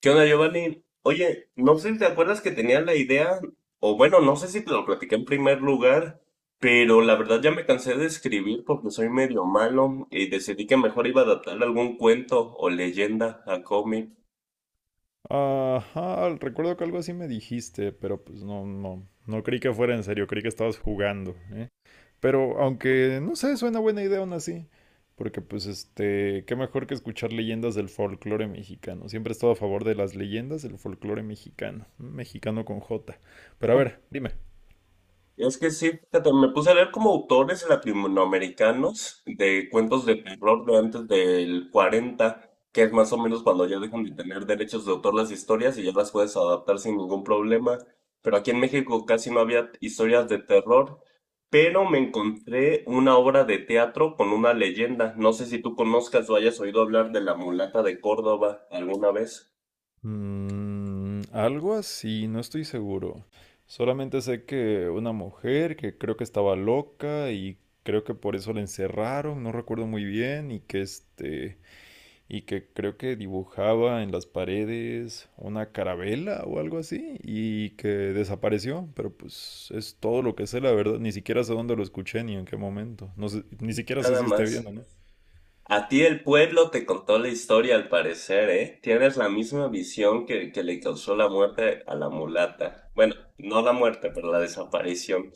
¿Qué onda, Giovanni? Oye, no sé si te acuerdas que tenía la idea, o bueno, no sé si te lo platiqué en primer lugar, pero la verdad ya me cansé de escribir porque soy medio malo y decidí que mejor iba a adaptar algún cuento o leyenda a cómic. Ajá, recuerdo que algo así me dijiste, pero pues no creí que fuera en serio, creí que estabas jugando, ¿eh? Pero aunque, no sé, suena buena idea aún así, porque pues qué mejor que escuchar leyendas del folclore mexicano. Siempre he estado a favor de las leyendas del folclore mexicano, mexicano con J. Pero a ver, dime. Es que sí, fíjate, me puse a leer como autores latinoamericanos de cuentos de terror de antes del 40, que es más o menos cuando ya dejan de tener derechos de autor las historias y ya las puedes adaptar sin ningún problema. Pero aquí en México casi no había historias de terror, pero me encontré una obra de teatro con una leyenda. No sé si tú conozcas o hayas oído hablar de la mulata de Córdoba alguna vez. Mm, algo así, no estoy seguro. Solamente sé que una mujer que creo que estaba loca y creo que por eso la encerraron, no recuerdo muy bien, y que y que creo que dibujaba en las paredes una carabela o algo así, y que desapareció, pero pues es todo lo que sé, la verdad, ni siquiera sé dónde lo escuché ni en qué momento. No sé, ni siquiera sé Nada si esté bien o más. no. A ti el pueblo te contó la historia al parecer, ¿eh? Tienes la misma visión que le causó la muerte a la mulata. Bueno, no la muerte, pero la desaparición.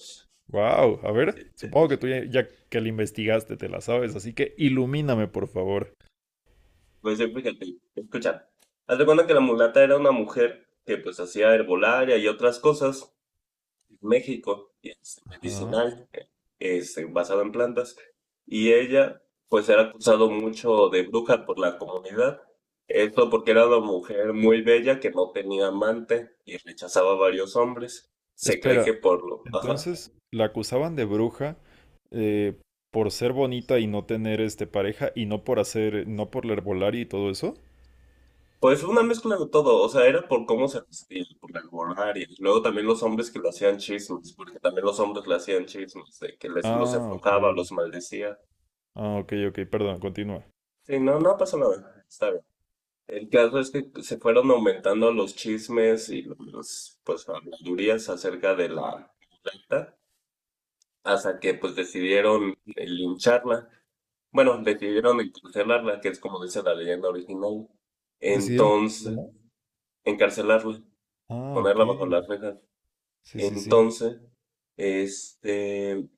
Wow, a ver, supongo que tú ya que la investigaste te la sabes, así que ilumíname, por favor. Pues sí, fíjate, escucha. Haz de cuenta que la mulata era una mujer que pues hacía herbolaria y otras cosas en México, y Ajá. medicinal. Basado en plantas, y ella pues era acusado mucho de bruja por la comunidad. Esto porque era una mujer muy bella que no tenía amante y rechazaba a varios hombres. Se cree Espera, que por lo... Ajá. entonces la acusaban de bruja eh, por ser bonita y no tener pareja y no por hacer, no por la herbolaria y todo eso. Pues una mezcla de todo, o sea, era por cómo se vestía, por el borrar, y luego también los hombres que le hacían chismes, porque también los hombres le hacían chismes, de que les, los Ah, ok. embrujaba, los maldecía. Ah, ok, perdón, continúa. Sí, no, no pasa nada, está bien. El caso es que se fueron aumentando los chismes y los, pues, habladurías acerca de la mulata hasta que, pues, decidieron lincharla. Bueno, decidieron encarcelarla, que es como dice la leyenda original. Decidieron. Entonces, ¿Cómo? encarcelarla, Ah, ok. ponerla bajo las rejas. Sí, sí, sí. Entonces, este,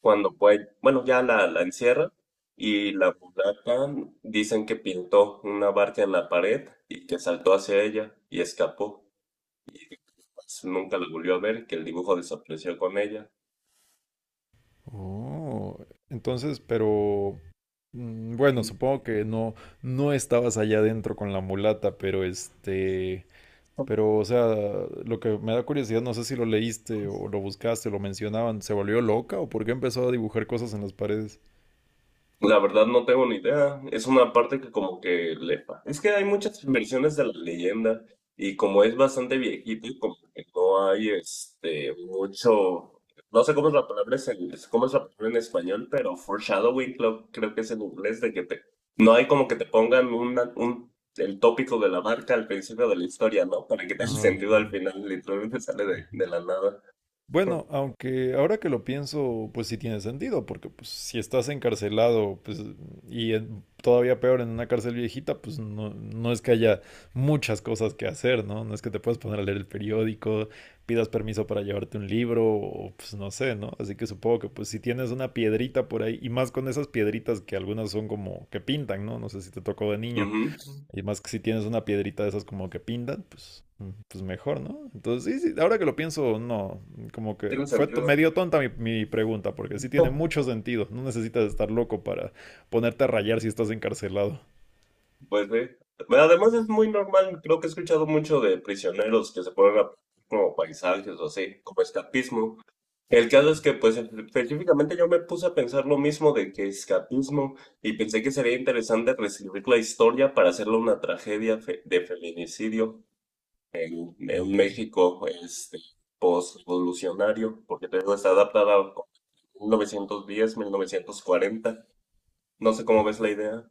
cuando puede, bueno, ya la encierra y la mulata dicen que pintó una barca en la pared y que saltó hacia ella y escapó. Pues, nunca la volvió a ver, que el dibujo desapareció con ella. Oh, entonces, pero mm, bueno, Y supongo que no, no estabas allá adentro con la mulata, pero pero, o sea, lo que me da curiosidad, no sé si lo leíste o lo buscaste, lo mencionaban, ¿se volvió loca o por qué empezó a dibujar cosas en las paredes? la verdad no tengo ni idea. Es una parte que como que le... Es que hay muchas versiones de la leyenda y como es bastante viejito y como que no hay mucho... No sé cómo es la palabra, cómo es la palabra en español, pero foreshadowing creo, creo que es en inglés de que te... No hay como que te pongan el tópico de la marca al principio de la historia, ¿no? Para que tenga Ah, ok. sentido al final, literalmente sale de la nada. Bueno, aunque ahora que lo pienso, pues sí tiene sentido, porque pues si estás encarcelado, pues todavía peor en una cárcel viejita, pues no, no es que haya muchas cosas que hacer, ¿no? No es que te puedas poner a leer el periódico, pidas permiso para llevarte un libro, o pues no sé, ¿no? Así que supongo que pues si tienes una piedrita por ahí, y más con esas piedritas que algunas son como que pintan, ¿no? No sé si te tocó de niño. Ujú. Y más que si tienes una piedrita de esas como que pintan, pues, pues mejor, ¿no? Entonces, sí, sí, ahora que lo pienso, no. Como que Tiene fue to- sentido. Medio tonta mi pregunta, porque sí tiene No. mucho sentido. No necesitas estar loco para ponerte a rayar si estás encarcelado. Pues sí. Bueno, además es muy normal, creo que he escuchado mucho de prisioneros que se ponen a como paisajes o así, como escapismo. El caso es que, pues, específicamente yo me puse a pensar lo mismo de que escapismo y pensé que sería interesante reescribir la historia para hacerla una tragedia de feminicidio en un Oh. México, post-revolucionario, porque te digo, está adaptada a 1910, 1940. No sé cómo ves la idea.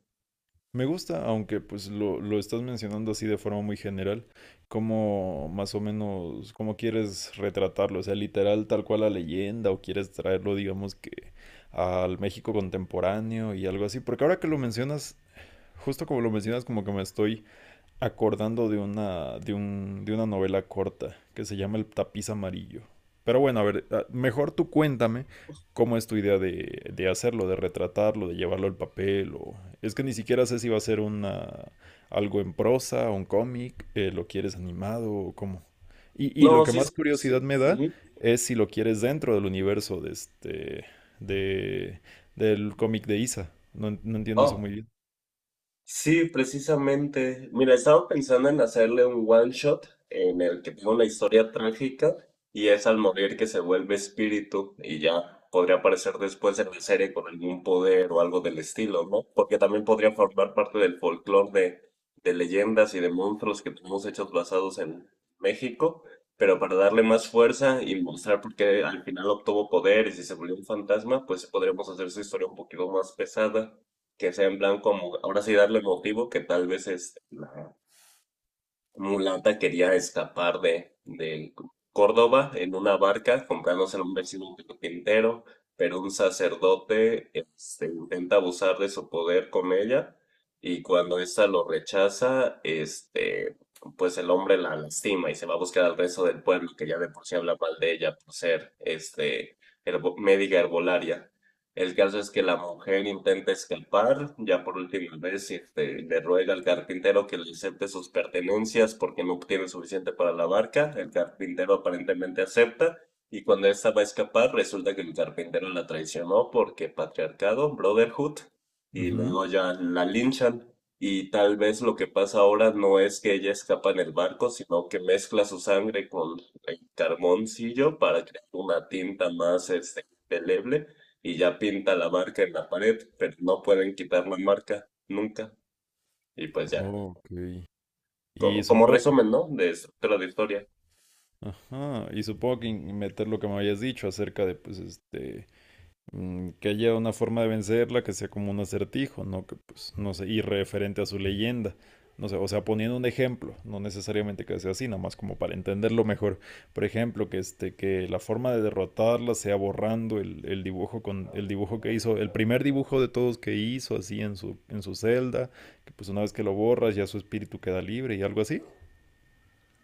Me gusta, aunque pues lo estás mencionando así de forma muy general, cómo más o menos, cómo quieres retratarlo, o sea, literal tal cual la leyenda, o quieres traerlo, digamos que al México contemporáneo y algo así, porque ahora que lo mencionas, justo como lo mencionas, como que me estoy acordando de una novela corta que se llama El tapiz amarillo. Pero bueno, a ver, ah, mejor tú cuéntame cómo es tu idea de hacerlo, de retratarlo, de llevarlo al papel. O... es que ni siquiera sé si va a ser algo en prosa, un cómic, lo quieres animado o cómo. Y lo No, que sí, más sí. curiosidad me da Ujú. es si lo quieres dentro del universo de de, del cómic de Isa. No entiendo eso Ah, muy bien. sí, precisamente. Mira, estaba pensando en hacerle un one shot en el que tenga una historia trágica y es al morir que se vuelve espíritu y ya podría aparecer después en la serie con algún poder o algo del estilo, ¿no? Porque también podría formar parte del folclore de leyendas y de monstruos que tenemos hechos basados en México, pero para darle más fuerza y mostrar por qué al final obtuvo poder y si se volvió un fantasma, pues podríamos hacer su historia un poquito más pesada que sea semblan como, ahora sí darle motivo que tal vez es la mulata quería escapar de Córdoba en una barca, comprándose a un vecino carpintero, pero un sacerdote intenta abusar de su poder con ella y cuando ésta lo rechaza, pues el hombre la lastima y se va a buscar al resto del pueblo que ya de por sí habla mal de ella por ser médica herbolaria. El caso es que la mujer intenta escapar, ya por última vez le ruega al carpintero que le acepte sus pertenencias porque no obtiene suficiente para la barca. El carpintero aparentemente acepta y cuando esta va a escapar resulta que el carpintero la traicionó porque patriarcado, brotherhood, y luego ya la linchan. Y tal vez lo que pasa ahora no es que ella escapa en el barco, sino que mezcla su sangre con el carboncillo para crear una tinta más indeleble y ya pinta la marca en la pared, pero no pueden quitar la marca nunca. Y pues ya, Ok. Y como, como supongo resumen, que, ¿no? De estructura de historia. ajá, y supongo que meter lo que me habías dicho acerca de, pues, mm, que haya una forma de vencerla que sea como un acertijo, ¿no? Que, pues, no sé, y referente a su leyenda. No sé, o sea, poniendo un ejemplo, no necesariamente que sea así, nada más como para entenderlo mejor. Por ejemplo, que que la forma de derrotarla sea borrando el dibujo el dibujo que hizo, el primer dibujo de todos que hizo así en en su celda, que pues una vez que lo borras ya su espíritu queda libre y algo así.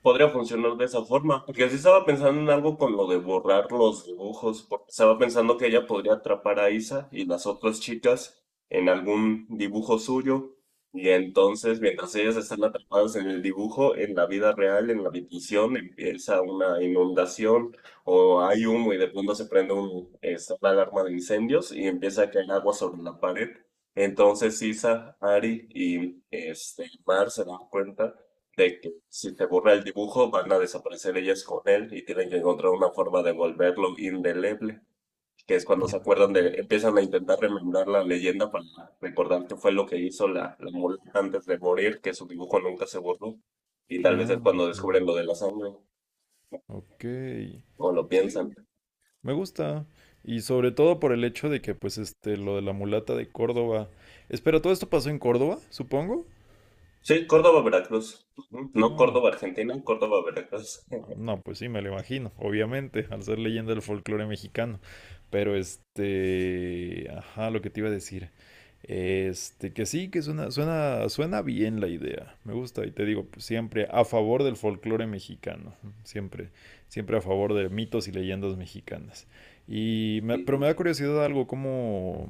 Podría funcionar de esa forma, porque así estaba pensando en algo con lo de borrar los dibujos, porque estaba pensando que ella podría atrapar a Isa y las otras chicas en algún dibujo suyo, y entonces mientras ellas están atrapadas en el dibujo, en la vida real, en la habitación, empieza una inundación o hay humo y de pronto se prende una alarma de incendios y empieza a caer agua sobre la pared. Entonces Isa, Ari y Mar se dan cuenta de que si se borra el dibujo van a desaparecer ellas con él y tienen que encontrar una forma de volverlo indeleble, que es cuando se acuerdan empiezan a intentar remembrar la leyenda para recordar qué fue lo que hizo la, la mula antes de morir, que su dibujo nunca se borró, y tal vez es Ah, cuando descubren lo de la sangre, ok. o lo Sí, piensan. me gusta. Y sobre todo por el hecho de que, pues, lo de la mulata de Córdoba. Espera, ¿todo esto pasó en Córdoba, supongo? Sí, Córdoba, Veracruz. Ujú. No Ah. Córdoba, Argentina, Córdoba, Veracruz. No, pues sí, me lo imagino, obviamente, al ser leyenda del folclore mexicano. Pero ajá, lo que te iba a decir. Que sí, que suena bien la idea. Me gusta y te digo, pues, siempre a favor del folclore mexicano, siempre, siempre a favor de mitos y leyendas mexicanas. Pero me da curiosidad algo como,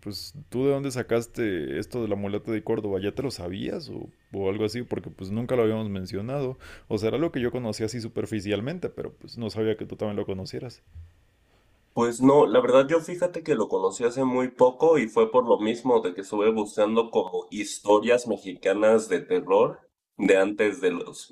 pues, ¿tú de dónde sacaste esto de la mulata de Córdoba? ¿Ya te lo sabías o algo así? Porque pues nunca lo habíamos mencionado. O sea, era lo que yo conocía así superficialmente, pero pues no sabía que tú también lo conocieras. Pues no, la verdad yo fíjate que lo conocí hace muy poco y fue por lo mismo de que estuve buscando como historias mexicanas de terror de antes de los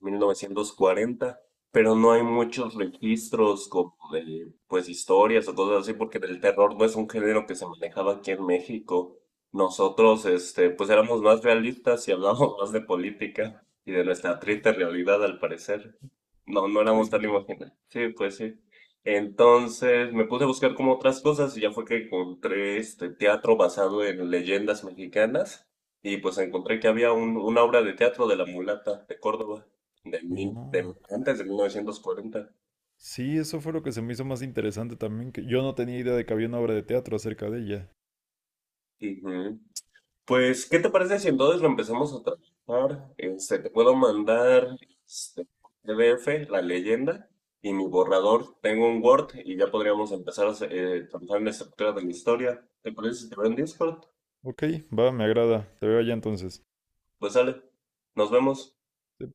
1940, pero no hay muchos registros como de pues historias o cosas así porque el terror no es un género que se manejaba aquí en México. Nosotros pues éramos más realistas y hablábamos más de política y de nuestra triste realidad al parecer. No, no éramos Sí, sí, tan sí. imaginativos. Sí, pues sí. Entonces me puse a buscar como otras cosas y ya fue que encontré este teatro basado en leyendas mexicanas y pues encontré que había una obra de teatro de La Mulata de Córdoba de, mil, Oh. de antes de 1940. Sí, eso fue lo que se me hizo más interesante también, que yo no tenía idea de que había una obra de teatro acerca de ella. Ujú. Pues, ¿qué te parece si entonces lo empezamos a trabajar? Te puedo mandar este PDF, la leyenda y mi borrador. Tengo un Word y ya podríamos empezar a trabajar en la estructura de la historia. ¿Te parece si te veo en Discord? Ok, va, me agrada. Te veo allá entonces. Pues sale. Nos vemos. Sí,